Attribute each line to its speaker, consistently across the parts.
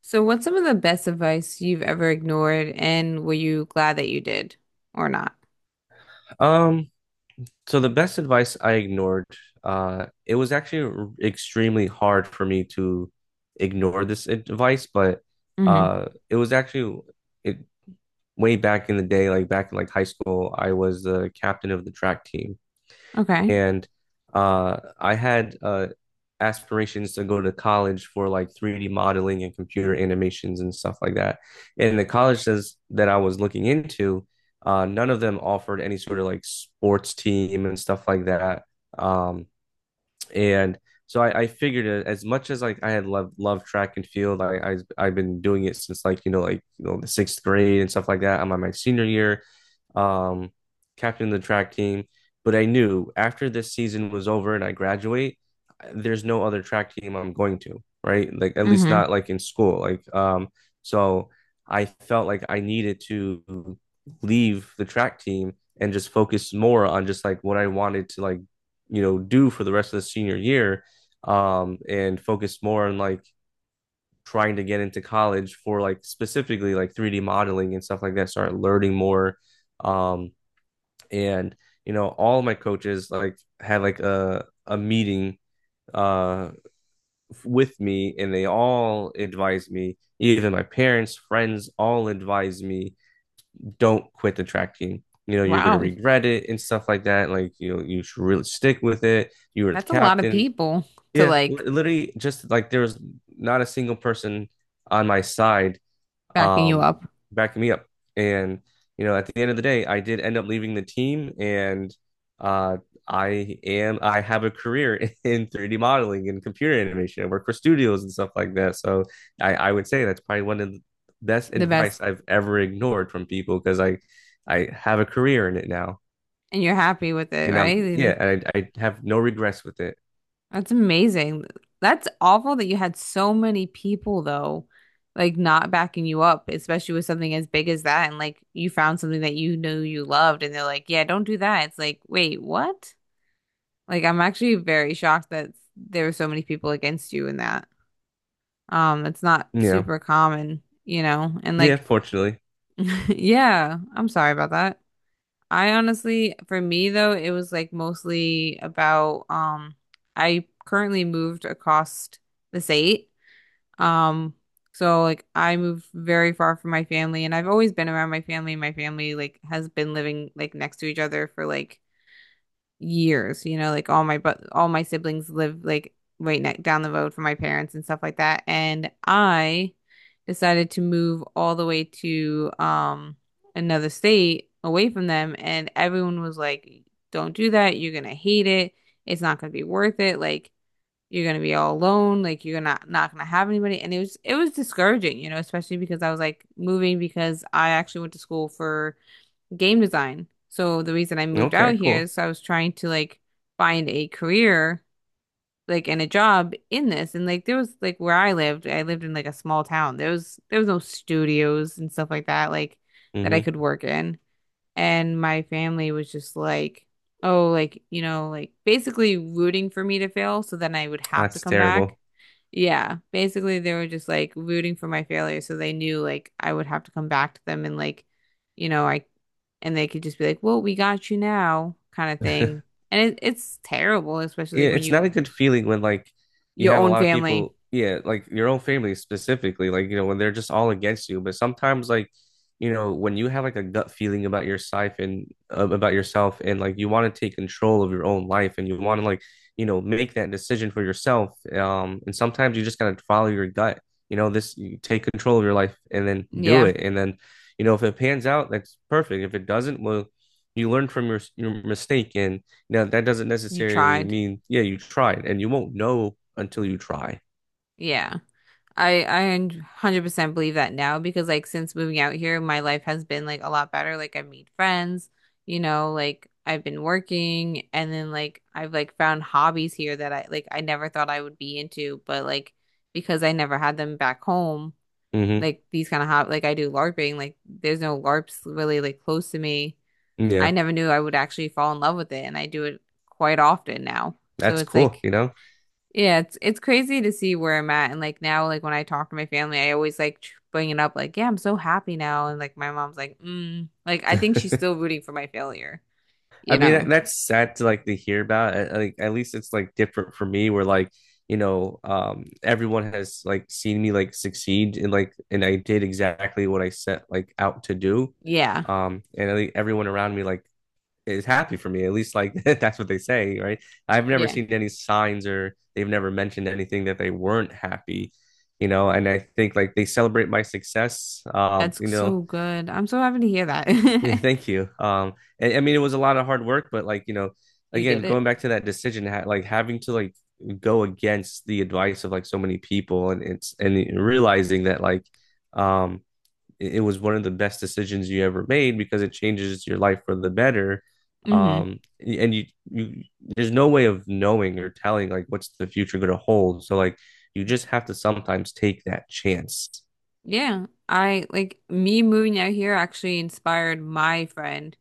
Speaker 1: So, what's some of the best advice you've ever ignored, and were you glad that you did or not?
Speaker 2: Um, so the best advice I ignored, it was actually extremely hard for me to ignore this advice, but
Speaker 1: Hmm.
Speaker 2: it was actually it way back in the day, like back in like high school, I was the captain of the track team.
Speaker 1: Okay.
Speaker 2: And I had aspirations to go to college for like 3D modeling and computer animations and stuff like that. And the colleges that I was looking into, none of them offered any sort of like sports team and stuff like that. Um, and so I figured it, as much as like I had loved track and field, I I've been doing it since like the sixth grade and stuff like that. I'm on my senior year, um, captain of the track team. But I knew after this season was over and I graduate, there's no other track team I'm going to, right? Like at least
Speaker 1: Hmm.
Speaker 2: not like in school. Like so I felt like I needed to leave the track team and just focus more on just like what I wanted to like you know do for the rest of the senior year and focus more on like trying to get into college for like specifically like 3D modeling and stuff like that start learning more um and you know all of my coaches like had like a meeting uh with me and they all advised me even my parents friends all advised me don't quit the track team, you know, you're going to
Speaker 1: Wow.
Speaker 2: regret it and stuff like that, like you know you should really stick with it, you were the
Speaker 1: That's a lot of
Speaker 2: captain.
Speaker 1: people to
Speaker 2: Yeah, literally just like there was not a single person on my side,
Speaker 1: backing you
Speaker 2: um
Speaker 1: up
Speaker 2: backing me up. And you know, at the end of the day, I did end up leaving the team and uh I have a career in 3D modeling and computer animation. I work for studios and stuff like that. So I would say that's probably one of the best
Speaker 1: the best,
Speaker 2: advice I've ever ignored from people because I have a career in it now.
Speaker 1: and you're happy with it,
Speaker 2: And
Speaker 1: right?
Speaker 2: I'm,
Speaker 1: And
Speaker 2: yeah, I have no regrets with it.
Speaker 1: that's amazing. That's awful that you had so many people though, like not backing you up, especially with something as big as that, and like you found something that you knew you loved, and they're like, "Yeah, don't do that." It's like, wait, what? Like I'm actually very shocked that there were so many people against you in that. It's not
Speaker 2: Yeah.
Speaker 1: super common, you know. And
Speaker 2: Yeah,
Speaker 1: like
Speaker 2: fortunately.
Speaker 1: yeah, I'm sorry about that. I honestly, for me though, it was like mostly about I currently moved across the state. Um, so like I moved very far from my family and I've always been around my family. My family like has been living like next to each other for like years, you know, like all my but all my siblings live like right next down the road from my parents and stuff like that. And I decided to move all the way to another state away from them and everyone was like, "Don't do that. You're gonna hate it. It's not gonna be worth it." Like you're gonna be all alone, like you're not gonna have anybody, and it was discouraging, you know, especially because I was like moving because I actually went to school for game design. So the reason I moved out
Speaker 2: Okay,
Speaker 1: here
Speaker 2: cool.
Speaker 1: is I was trying to like find a career like and a job in this and like there was like where I lived in like a small town. There was no studios and stuff like that I
Speaker 2: Hmm.
Speaker 1: could work in. And my family was just like, oh, like, you know, like basically rooting for me to fail so then I would have to
Speaker 2: That's
Speaker 1: come back.
Speaker 2: terrible.
Speaker 1: Yeah, basically they were just like rooting for my failure, so they knew like I would have to come back to them and like, you know, I and they could just be like, "Well, we got you now," kind of thing. And it's terrible, especially
Speaker 2: Yeah,
Speaker 1: when
Speaker 2: it's not
Speaker 1: you
Speaker 2: a good feeling when like you
Speaker 1: your
Speaker 2: have a
Speaker 1: own
Speaker 2: lot of
Speaker 1: family.
Speaker 2: people, yeah, like your own family specifically, like you know, when they're just all against you. But sometimes like, you know, when you have like a gut feeling about your life and about yourself and like you want to take control of your own life and you want to like, you know, make that decision for yourself. And sometimes you just gotta follow your gut. You know, this you take control of your life and then do
Speaker 1: Yeah,
Speaker 2: it. And then, you know, if it pans out, that's perfect. If it doesn't, well, you learn from your mistake and now, that doesn't
Speaker 1: you
Speaker 2: necessarily
Speaker 1: tried.
Speaker 2: mean, yeah, you tried, and you won't know until you try.
Speaker 1: Yeah. I 100% believe that now because like since moving out here, my life has been like a lot better. Like I've made friends, you know, like I've been working and then like I've like found hobbies here that I like I never thought I would be into, but like because I never had them back home,
Speaker 2: Hmm.
Speaker 1: like these kind of hob like I do LARPing, like there's no LARPs really like close to me. I
Speaker 2: Yeah,
Speaker 1: never knew I would actually fall in love with it and I do it quite often now. So
Speaker 2: that's
Speaker 1: it's
Speaker 2: cool,
Speaker 1: like
Speaker 2: you know?
Speaker 1: yeah, it's crazy to see where I'm at and like now like when I talk to my family, I always like bring it up like, yeah, I'm so happy now and like my mom's like, mm. Like I think she's still rooting for my failure,
Speaker 2: I
Speaker 1: you
Speaker 2: mean,
Speaker 1: know.
Speaker 2: that's sad to like to hear about. Like, at least it's like different for me, where like, everyone has like seen me like succeed and like, and I did exactly what I set like out to do.
Speaker 1: Yeah.
Speaker 2: And I think everyone around me like is happy for me. At least like that's what they say, right? I've never
Speaker 1: Yeah.
Speaker 2: seen any signs or they've never mentioned anything that they weren't happy, you know. And I think like they celebrate my success.
Speaker 1: That's
Speaker 2: You
Speaker 1: so
Speaker 2: know,
Speaker 1: good. I'm so happy to hear that.
Speaker 2: yeah, thank you. And I mean it was a lot of hard work, but like you know,
Speaker 1: You did
Speaker 2: again
Speaker 1: it.
Speaker 2: going back to that decision, like having to like go against the advice of like so many people, and it's and realizing that like um it, was one of the best decisions you ever made because it changes your life for the better.
Speaker 1: Hmm.
Speaker 2: There's no way of knowing or telling like what's the future going to hold. So like you just have to sometimes take that chance.
Speaker 1: Yeah. I like me moving out here actually inspired my friend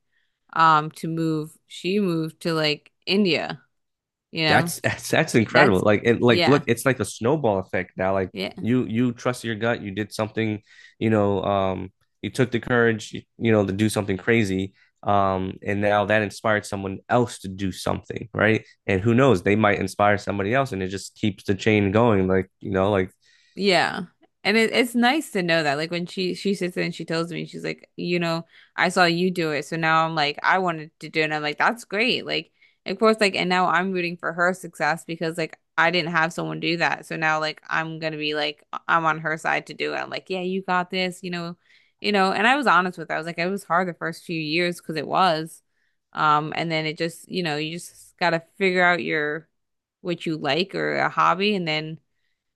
Speaker 1: to move. She moved to like India, you know.
Speaker 2: That's that's incredible.
Speaker 1: That's
Speaker 2: Like it like
Speaker 1: yeah.
Speaker 2: look, it's like a snowball effect now. Like
Speaker 1: Yeah.
Speaker 2: you trust your gut, you did something, you know, um you took the courage, you know, to do something crazy. And now that inspired someone else to do something, right? And who knows, they might inspire somebody else, and it just keeps the chain going. Like you know, like
Speaker 1: Yeah. And it's nice to know that. Like when she sits there and she tells me, she's like, you know, I saw you do it. So now I'm like, I wanted to do it. And I'm like, that's great. Like, of course, like, and now I'm rooting for her success because like I didn't have someone do that. So now like I'm gonna be like I'm on her side to do it. I'm like, yeah, you got this, you know, you know. And I was honest with her. I was like, it was hard the first few years because it was. And then it just, you know, you just gotta figure out your what you like or a hobby and then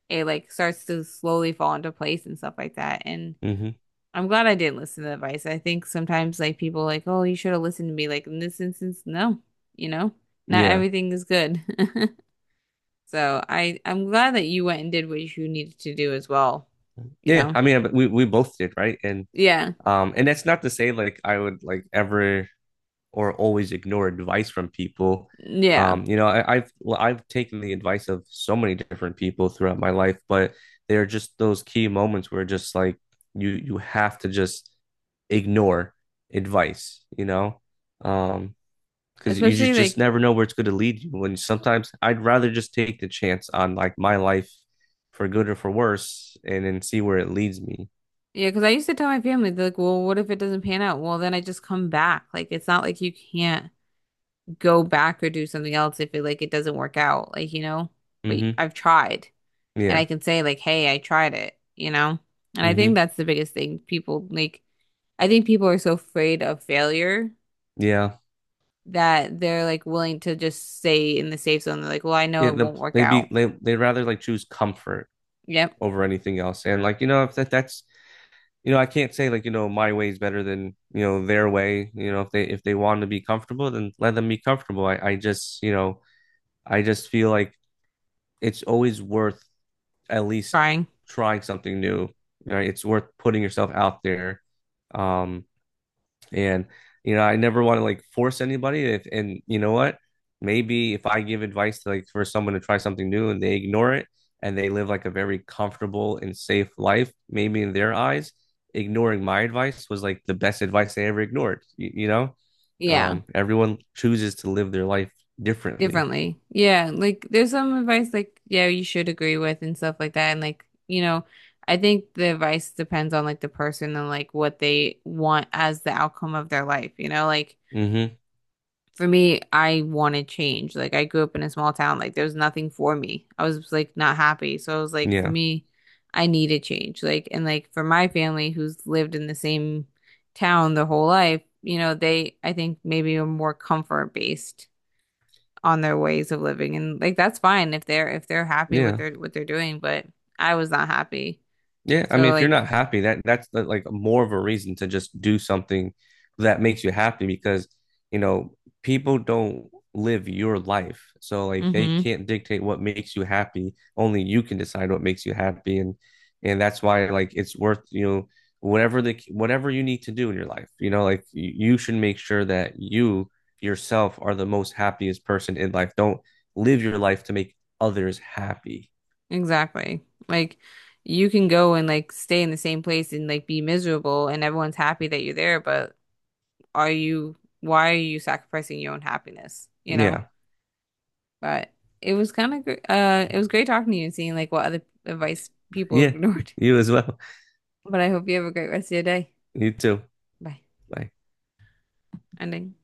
Speaker 1: it like starts to slowly fall into place and stuff like that. And
Speaker 2: mm-hmm,
Speaker 1: I'm glad I didn't listen to the advice. I think sometimes like people are like, oh, you should have listened to me. Like in this instance, no, you know, not
Speaker 2: yeah,
Speaker 1: everything is good. So I'm glad that you went and did what you needed to do as well, you
Speaker 2: yeah.
Speaker 1: know?
Speaker 2: I mean, we both did, right? And
Speaker 1: Yeah.
Speaker 2: um, and that's not to say like I would like ever or always ignore advice from people.
Speaker 1: Yeah.
Speaker 2: I've taken the advice of so many different people throughout my life, but there are just those key moments where just like you have to just ignore advice, you know, um, because you
Speaker 1: Especially
Speaker 2: just
Speaker 1: like
Speaker 2: never know where it's going to lead you. And sometimes I'd rather just take the chance on like my life for good or for worse, and then see where it leads me.
Speaker 1: yeah, because I used to tell my family they're like, well, what if it doesn't pan out? Well, then I just come back. Like it's not like you can't go back or do something else if it like it doesn't work out, like you know. But
Speaker 2: Mm-hmm.
Speaker 1: I've tried, and
Speaker 2: Yeah.
Speaker 1: I can say like, hey, I tried it, you know? And I think
Speaker 2: Mm-hmm.
Speaker 1: that's the biggest thing. People like I think people are so afraid of failure
Speaker 2: Yeah.
Speaker 1: that they're like willing to just stay in the safe zone. They're like, well, I know
Speaker 2: Yeah.
Speaker 1: it
Speaker 2: The,
Speaker 1: won't work
Speaker 2: they'd be
Speaker 1: out.
Speaker 2: they they'd rather like choose comfort
Speaker 1: Yep,
Speaker 2: over anything else. And like, you know, if that that's you know, I can't say like, you know, my way is better than, you know, their way. You know, if they want to be comfortable, then let them be comfortable. I just, you know, I just feel like it's always worth at least
Speaker 1: trying.
Speaker 2: trying something new. Right? It's worth putting yourself out there. Um, and you know, I never want to like force anybody. If, and you know what? Maybe if I give advice to like for someone to try something new and they ignore it and they live like a very comfortable and safe life, maybe in their eyes, ignoring my advice was like the best advice they ever ignored. You know,
Speaker 1: Yeah,
Speaker 2: everyone chooses to live their life differently.
Speaker 1: differently. Yeah, like there's some advice like yeah, you should agree with and stuff like that and like, you know, I think the advice depends on like the person and like what they want as the outcome of their life, you know? Like
Speaker 2: Hmm.
Speaker 1: for me, I wanted change. Like I grew up in a small town. Like there was nothing for me. I was like not happy. So I was like, for
Speaker 2: Yeah.
Speaker 1: me, I needed change. Like and like for my family who's lived in the same town their whole life, you know, they I think maybe are more comfort based on their ways of living. And like that's fine if they're happy with
Speaker 2: Yeah.
Speaker 1: their what they're doing, but I was not happy.
Speaker 2: Yeah, I mean,
Speaker 1: So
Speaker 2: if you're
Speaker 1: like,
Speaker 2: not happy, that's like more of a reason to just do something that makes you happy because, you know, people don't live your life. So like they
Speaker 1: mm-hmm.
Speaker 2: can't dictate what makes you happy. Only you can decide what makes you happy and that's why like it's worth, you know, whatever you need to do in your life. You know, like you should make sure that you yourself are the most happiest person in life. Don't live your life to make others happy.
Speaker 1: Exactly. Like you can go and like stay in the same place and like be miserable and everyone's happy that you're there, but are you why are you sacrificing your own happiness, you know?
Speaker 2: Yeah.
Speaker 1: But it was kind of it was great talking to you and seeing like what other advice people
Speaker 2: Yeah,
Speaker 1: ignored.
Speaker 2: you as well.
Speaker 1: But I hope you have a great rest of your day.
Speaker 2: You too.
Speaker 1: Bye.
Speaker 2: Bye.
Speaker 1: Ending.